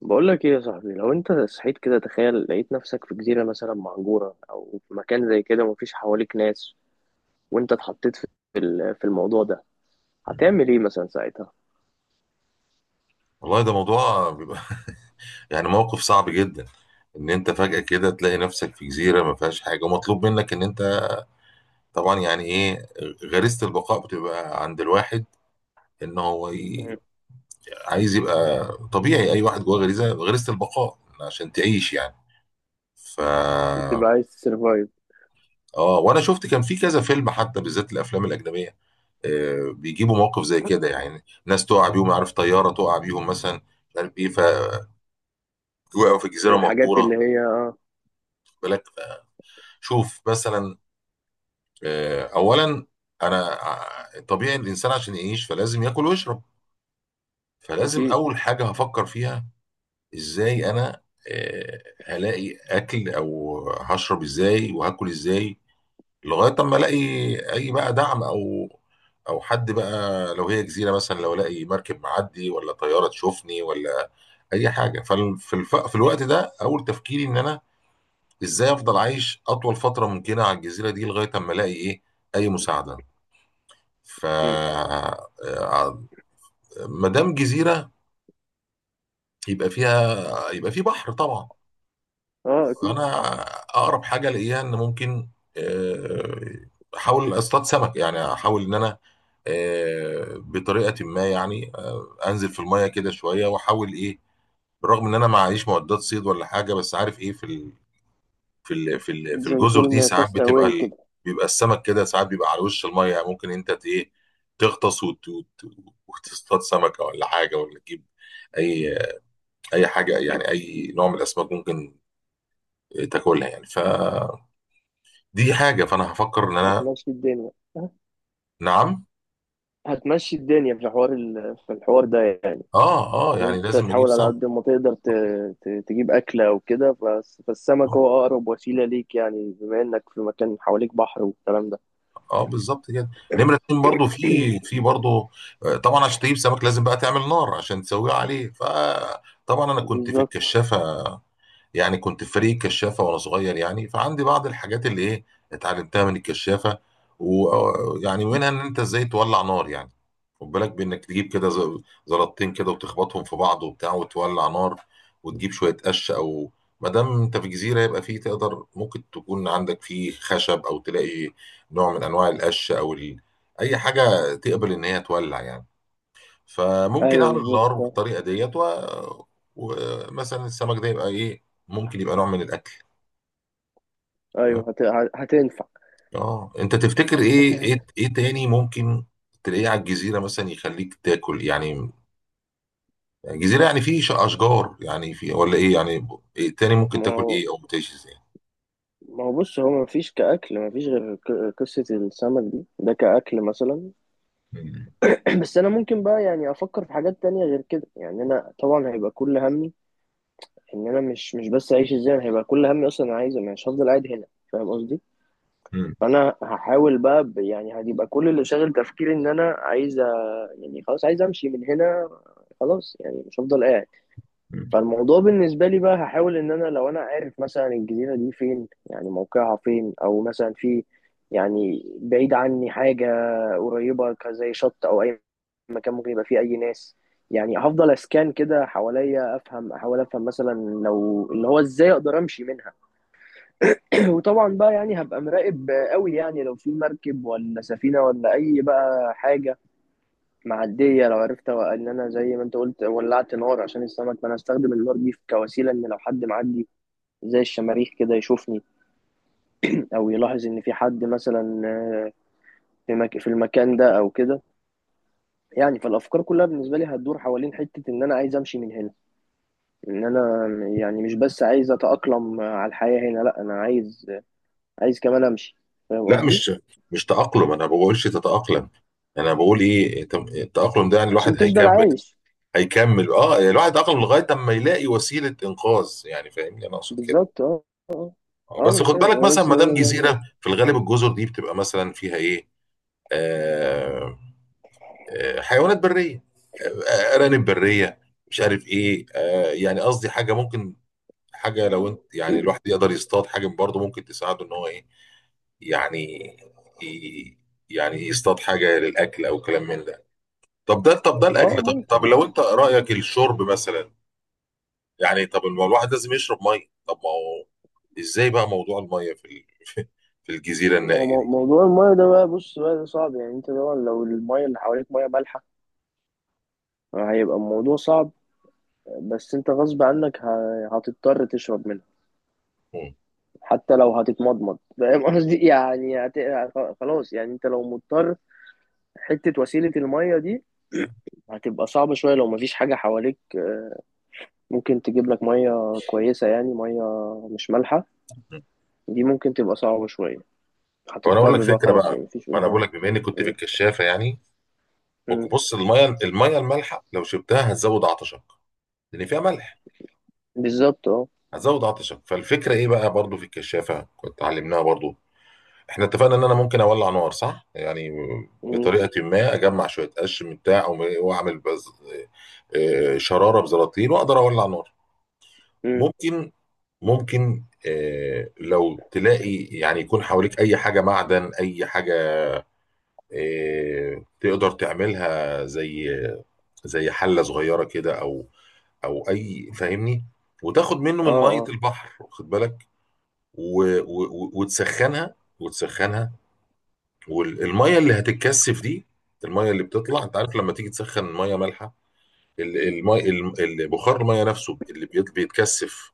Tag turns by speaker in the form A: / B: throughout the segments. A: بقول لك ايه يا صاحبي؟ لو انت صحيت كده، تخيل لقيت نفسك في جزيرة مثلا مهجورة او في مكان زي كده مفيش حواليك ناس، وانت اتحطيت في في الموضوع ده، هتعمل ايه مثلا ساعتها؟
B: والله ده موضوع بيبقى يعني موقف صعب جدا، ان انت فجأة كده تلاقي نفسك في جزيرة ما فيهاش حاجة ومطلوب منك ان انت طبعا يعني ايه. غريزة البقاء بتبقى عند الواحد، ان هو ي-
A: مم.
B: عايز يبقى. طبيعي اي واحد جواه غريزة البقاء عشان تعيش يعني. ف
A: بتبقى عايز تسرفايف
B: اه، وانا شفت كان في كذا فيلم، حتى بالذات الافلام الاجنبيه، آه بيجيبوا موقف زي كده، يعني ناس تقع بيهم، عارف، طياره تقع بيهم مثلا، مش عارف ايه، فوقعوا في جزيره
A: الحاجات
B: مهجوره. واخد
A: اللي هي اه
B: بالك، شوف مثلا، آه اولا طبيعي الانسان عشان يعيش فلازم ياكل ويشرب. فلازم
A: اكيد.
B: اول حاجه هفكر فيها، ازاي انا آه هلاقي اكل او هشرب ازاي وهاكل ازاي، لغايه اما الاقي اي بقى دعم، او او حد بقى، لو هي جزيره مثلا، لو الاقي مركب معدي ولا طياره تشوفني ولا اي حاجه. في الوقت ده اول تفكيري ان انا ازاي افضل عايش اطول فتره ممكنه على الجزيره دي لغايه اما الاقي ايه، اي مساعده. ف
A: مم.
B: آه، ما دام جزيره يبقى فيها، يبقى في بحر طبعا.
A: اه اكيد.
B: فانا اقرب حاجه الاقيها ان ممكن آه، احاول اصطاد سمك، يعني احاول ان انا بطريقه ما يعني، انزل في الميه كده شويه واحاول ايه، بالرغم ان انا ما معيش معدات صيد ولا حاجه، بس عارف ايه، في
A: زي
B: الجزر دي
A: فيلم
B: ساعات بتبقى
A: كاستاوي كده
B: بيبقى السمك كده ساعات بيبقى على وش الميه. يعني ممكن انت ايه، تغطس وتصطاد سمكه ولا حاجه، ولا تجيب اي اي حاجه يعني، اي نوع من الاسماك ممكن تاكلها يعني. فدي حاجه. فانا هفكر ان انا،
A: هتمشي الدنيا،
B: نعم،
A: هتمشي الدنيا في في الحوار ده يعني.
B: اه اه،
A: ان
B: يعني
A: انت
B: لازم اجيب
A: تحاول على
B: سمك.
A: قد ما تقدر تجيب اكله وكده، فالسمك هو اقرب وسيله ليك يعني، بما انك في مكان حواليك بحر والكلام ده.
B: اه بالظبط كده. نمرة اتنين برضو، في برضو طبعا عشان تجيب سمك لازم بقى تعمل نار عشان تسويه عليه. فطبعا انا كنت في
A: بالظبط.
B: الكشافة، يعني كنت في فريق الكشافه وانا صغير يعني، فعندي بعض الحاجات اللي ايه اتعلمتها من الكشافه. ويعني منها ان انت ازاي تولع نار يعني. خد بالك بانك تجيب كده زلطتين كده وتخبطهم في بعض وبتاع وتولع نار، وتجيب شويه قش، او ما دام انت في جزيره يبقى فيه، تقدر ممكن تكون عندك فيه خشب، او تلاقي نوع من انواع القش او اي حاجه تقبل ان هي تولع يعني. فممكن
A: ايوه
B: اعمل
A: بالظبط
B: الارو
A: فاهم.
B: بالطريقه ديت و... ومثلا السمك ده يبقى ايه، ممكن يبقى نوع من الاكل.
A: ايوه هتنفع.
B: اه انت تفتكر ايه ايه ايه تاني ممكن تلاقيه على الجزيره مثلا يخليك تاكل يعني؟ جزيره يعني في اشجار، يعني في ولا ايه يعني، إيه تاني ممكن
A: ما
B: تاكل،
A: هو،
B: ايه او بتعيش ازاي؟
A: ما هو بص، هو ما فيش كأكل، ما فيش غير قصة السمك دي، ده كأكل مثلا.
B: مم.
A: بس أنا ممكن بقى يعني أفكر في حاجات تانية غير كده، يعني أنا طبعا هيبقى كل همي إن أنا مش بس أعيش إزاي، أنا هيبقى كل همي أصلا أنا عايز، مش هفضل قاعد هنا. فاهم قصدي؟
B: مم.
A: فانا هحاول بقى يعني هتبقى كل اللي شاغل تفكيري ان انا عايز يعني خلاص عايز امشي من هنا، خلاص يعني مش هفضل قاعد.
B: مم.
A: فالموضوع بالنسبه لي بقى هحاول ان انا لو انا عارف مثلا الجزيره دي فين، يعني موقعها فين، او مثلا في يعني بعيد عني حاجه قريبه زي شط او اي مكان ممكن يبقى فيه اي ناس، يعني هفضل اسكان كده حواليا افهم، احاول افهم مثلا لو اللي هو ازاي اقدر امشي منها. وطبعا بقى يعني هبقى مراقب قوي، يعني لو في مركب ولا سفينة ولا أي بقى حاجة معدية، لو عرفت إن أنا زي ما أنت قلت ولعت نار عشان السمك، فأنا أستخدم النار دي كوسيلة إن لو حد معدي زي الشماريخ كده يشوفني، أو يلاحظ إن في حد مثلا آه، في في المكان ده أو كده، يعني فالأفكار كلها بالنسبة لي هتدور حوالين حتة إن أنا عايز أمشي من هنا. إن أنا يعني مش بس عايز أتأقلم على الحياة هنا، لأ أنا عايز، عايز كمان أمشي. فاهم
B: لا،
A: قصدي؟
B: مش تأقلم، انا ما بقولش تتأقلم. انا بقول ايه، التأقلم ده يعني الواحد
A: عشان تفضل
B: هيكمل،
A: عايش.
B: هيكمل اه، يعني الواحد عقله لغايه اما يلاقي وسيله انقاذ يعني، فاهمني انا اقصد كده.
A: بالظبط، اه اه اه. ما
B: بس
A: انا
B: خد
A: فاهم،
B: بالك
A: انا
B: مثلا،
A: بس
B: ما
A: بقول
B: دام
A: لك
B: جزيره في الغالب الجزر دي بتبقى مثلا فيها ايه، آه آه حيوانات بريه، آه، ارانب بريه، مش عارف ايه. يعني قصدي حاجه ممكن، حاجه لو انت يعني
A: يعني.
B: الواحد يقدر يصطاد حاجه برضه ممكن تساعده ان هو ايه، يعني ي- يعني يصطاد حاجه للاكل او كلام من ده. طب ده، طب ده
A: اه آه،
B: الاكل طب لو
A: ممكن.
B: انت رايك الشرب مثلا؟ يعني طب ما الواحد لازم يشرب ميه. طب ما هو ازاي بقى موضوع الميه في الجزيره
A: هو
B: النائيه دي؟
A: موضوع المايه ده بقى، بص بقى ده صعب يعني، انت طبعا لو المايه اللي حواليك مايه مالحه هيبقى الموضوع صعب، بس انت غصب عنك هتضطر تشرب منها،
B: مم.
A: حتى لو هتتمضمض، فاهم قصدي؟ يعني هت... خلاص يعني انت لو مضطر، حته وسيله المايه دي هتبقى صعبه شويه، لو مفيش حاجه حواليك آه، ممكن تجيب لك مايه كويسه، يعني مايه مش مالحه،
B: مم.
A: دي ممكن تبقى صعبه شويه،
B: طب انا اقول لك
A: هتضطر بقى
B: فكره
A: خلاص
B: بقى.
A: يعني مفيش
B: ما انا بقول
A: قدامك.
B: لك بما اني كنت في
A: مم.
B: الكشافه يعني. ممكن
A: مم.
B: بص، الميه المالحه لو شربتها هتزود عطشك لان فيها ملح.
A: بالظبط اه.
B: هتزود عطشك. فالفكره ايه بقى، برضو في الكشافه كنت علمناها برضو. احنا اتفقنا ان انا ممكن اولع نار، صح يعني،
A: مم.
B: بطريقه ما، اجمع شويه قش من بتاع واعمل بز... آه، آه، شراره بزراطيل واقدر اولع نار.
A: مم.
B: ممكن ممكن لو تلاقي يعني يكون حواليك اي حاجه معدن، اي حاجه تقدر تعملها زي، زي حله صغيره كده، او او اي، فاهمني، وتاخد منه
A: اه
B: من ميه
A: اه.
B: البحر، واخد بالك، و و وتسخنها وتسخنها. والميه اللي هتتكثف دي، الميه اللي بتطلع، انت عارف لما تيجي تسخن ميه مالحه المي البخار، الميه نفسه اللي بيتكثف،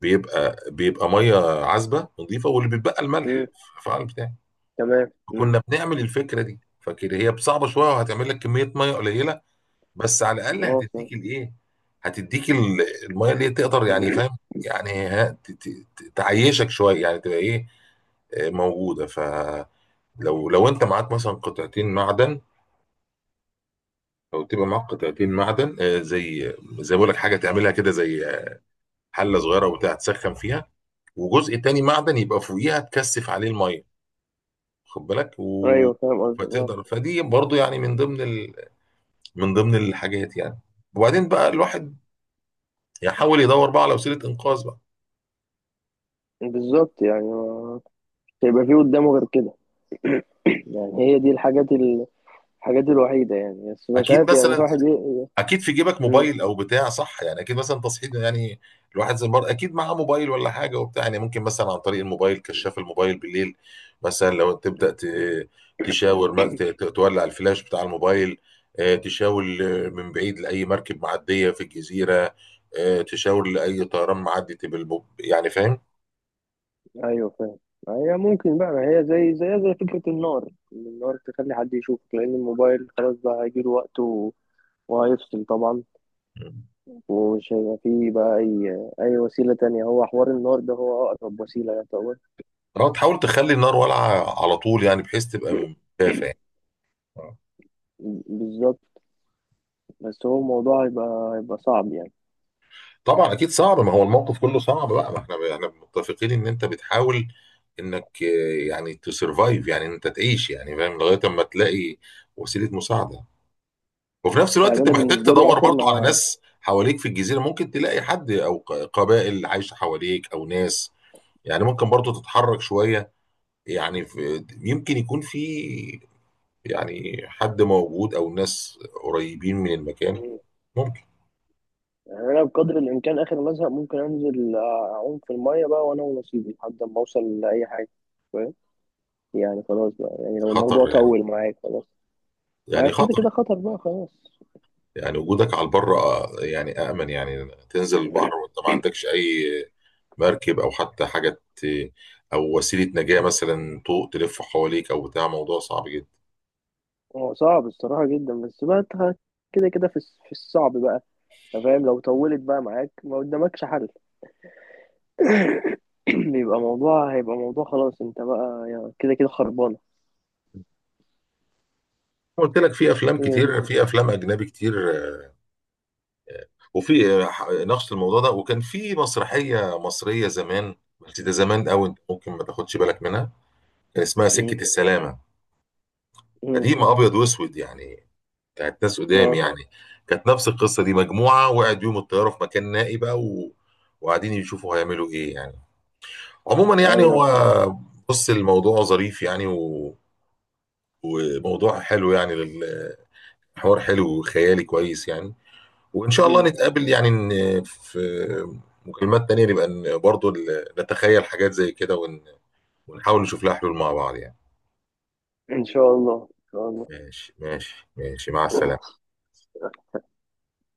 B: بيبقى ميه عذبه نظيفه، واللي بيتبقى
A: مم.
B: الملح في الفعل بتاعي.
A: تمام. مم.
B: كنا بنعمل الفكره دي. فكده هي صعبه شويه، وهتعمل لك كميه ميه قليله، بس على الاقل
A: اه فاهم.
B: هتديك الايه، هتديك الميه اللي هي تقدر يعني، فاهم يعني تعيشك شويه، يعني تبقى ايه موجوده. فلو لو انت معاك مثلا قطعتين معدن، او تبقى معاك قطعتين معدن، زي زي بقول لك حاجه، تعملها كده زي حله صغيره وبتاع تسخن فيها، وجزء تاني معدن يبقى فوقيها تكثف عليه الميه، واخد بالك و...
A: ايوه فاهم قصدك اه.
B: فتقدر. فدي برضو يعني من ضمن من ضمن الحاجات يعني. وبعدين بقى الواحد يحاول يدور بقى على وسيله انقاذ بقى.
A: بالظبط يعني ما- مش هيبقى في قدامه غير كده. يعني هي دي الحاجات الوحيدة يعني، بس مش
B: اكيد
A: عارف يعني
B: مثلا،
A: الواحد ي...
B: اكيد في جيبك
A: مم.
B: موبايل او بتاع، صح يعني، اكيد مثلا، تصحيح يعني، الواحد زي المرة اكيد معاه موبايل ولا حاجه وبتاع يعني. ممكن مثلا عن طريق الموبايل، كشاف الموبايل بالليل مثلا، لو تبدا تشاور، تولع الفلاش بتاع الموبايل، تشاور من بعيد لاي مركب معديه في الجزيره، تشاور لاي طيران معدي تبقى يعني فاهم؟
A: ايوه فاهم. ما هي ممكن بقى، ما هي زي زي فكرة النار، إن النار تخلي حد يشوفك، لأن الموبايل خلاص بقى هيجيله وقته وهيفصل طبعا،
B: مم.
A: ومش هيبقى فيه بقى أي أي وسيلة تانية، هو حوار النار ده هو أقرب وسيلة يعتبر.
B: اه، تحاول تخلي النار والعه على طول يعني، بحيث تبقى من دافع.
A: بالظبط. بس هو الموضوع هيبقى، هيبقى صعب يعني.
B: طبعا اكيد صعب، ما هو الموقف كله صعب بقى. ما احنا متفقين ان انت بتحاول انك يعني تسرفايف، يعني انت تعيش يعني فاهم، لغايه اما تلاقي وسيله مساعده. وفي نفس
A: يعني
B: الوقت انت
A: أنا
B: محتاج
A: بالنسبة لي
B: تدور
A: آخر
B: برضو على
A: ما،
B: ناس حواليك في الجزيره، ممكن تلاقي حد او قبائل عايشه حواليك او ناس. يعني ممكن برضو تتحرك شويه، يعني في يمكن يكون في، يعني حد موجود او ناس قريبين من المكان، ممكن.
A: يعني أنا بقدر الإمكان آخر ما أزهق ممكن أنزل أعوم في المية بقى وأنا ونصيبي لحد ما أوصل لأي حاجة، فاهم؟ يعني خلاص بقى، يعني لو الموضوع
B: خطر يعني،
A: طول معاك خلاص. ما
B: يعني
A: كده
B: خطر
A: كده خطر بقى خلاص.
B: يعني. وجودك على البر يعني أأمن. يعني تنزل البحر وأنت ما عندكش أي مركب، أو حتى حاجة أو وسيلة نجاة مثلا طوق تلف حواليك أو بتاع، موضوع صعب جدا.
A: هو صعب الصراحة جدا، بس بقى أنت كده كده في في الصعب بقى، فاهم؟ لو طولت بقى معاك ما قدامكش حل، بيبقى موضوع، هيبقى موضوع خلاص، انت بقى يعني كده كده خربانة.
B: قلت لك في أفلام
A: هي
B: كتير،
A: دي.
B: في أفلام أجنبي كتير وفي نقش الموضوع ده. وكان في مسرحية مصرية زمان، بس ده زمان أوي أنت ممكن ما تاخدش بالك منها، كان اسمها
A: مم.
B: سكة السلامة.
A: مم.
B: قديمة أبيض وأسود يعني، كانت ناس قدام
A: اه
B: يعني، كانت نفس القصه دي، مجموعه وقعد يوم الطياره في مكان نائي بقى و... وقاعدين يشوفوا هيعملوا ايه يعني. عموما يعني،
A: ايوه.
B: هو بص، الموضوع ظريف يعني و... وموضوع حلو يعني، الحوار حلو وخيالي كويس يعني. وان شاء الله
A: مم.
B: نتقابل يعني في مكالمات تانية، نبقى برضو نتخيل حاجات زي كده ون... ونحاول نشوف لها حلول مع بعض يعني.
A: ان شاء الله، ان شاء
B: ماشي ماشي ماشي، مع السلامه.
A: الله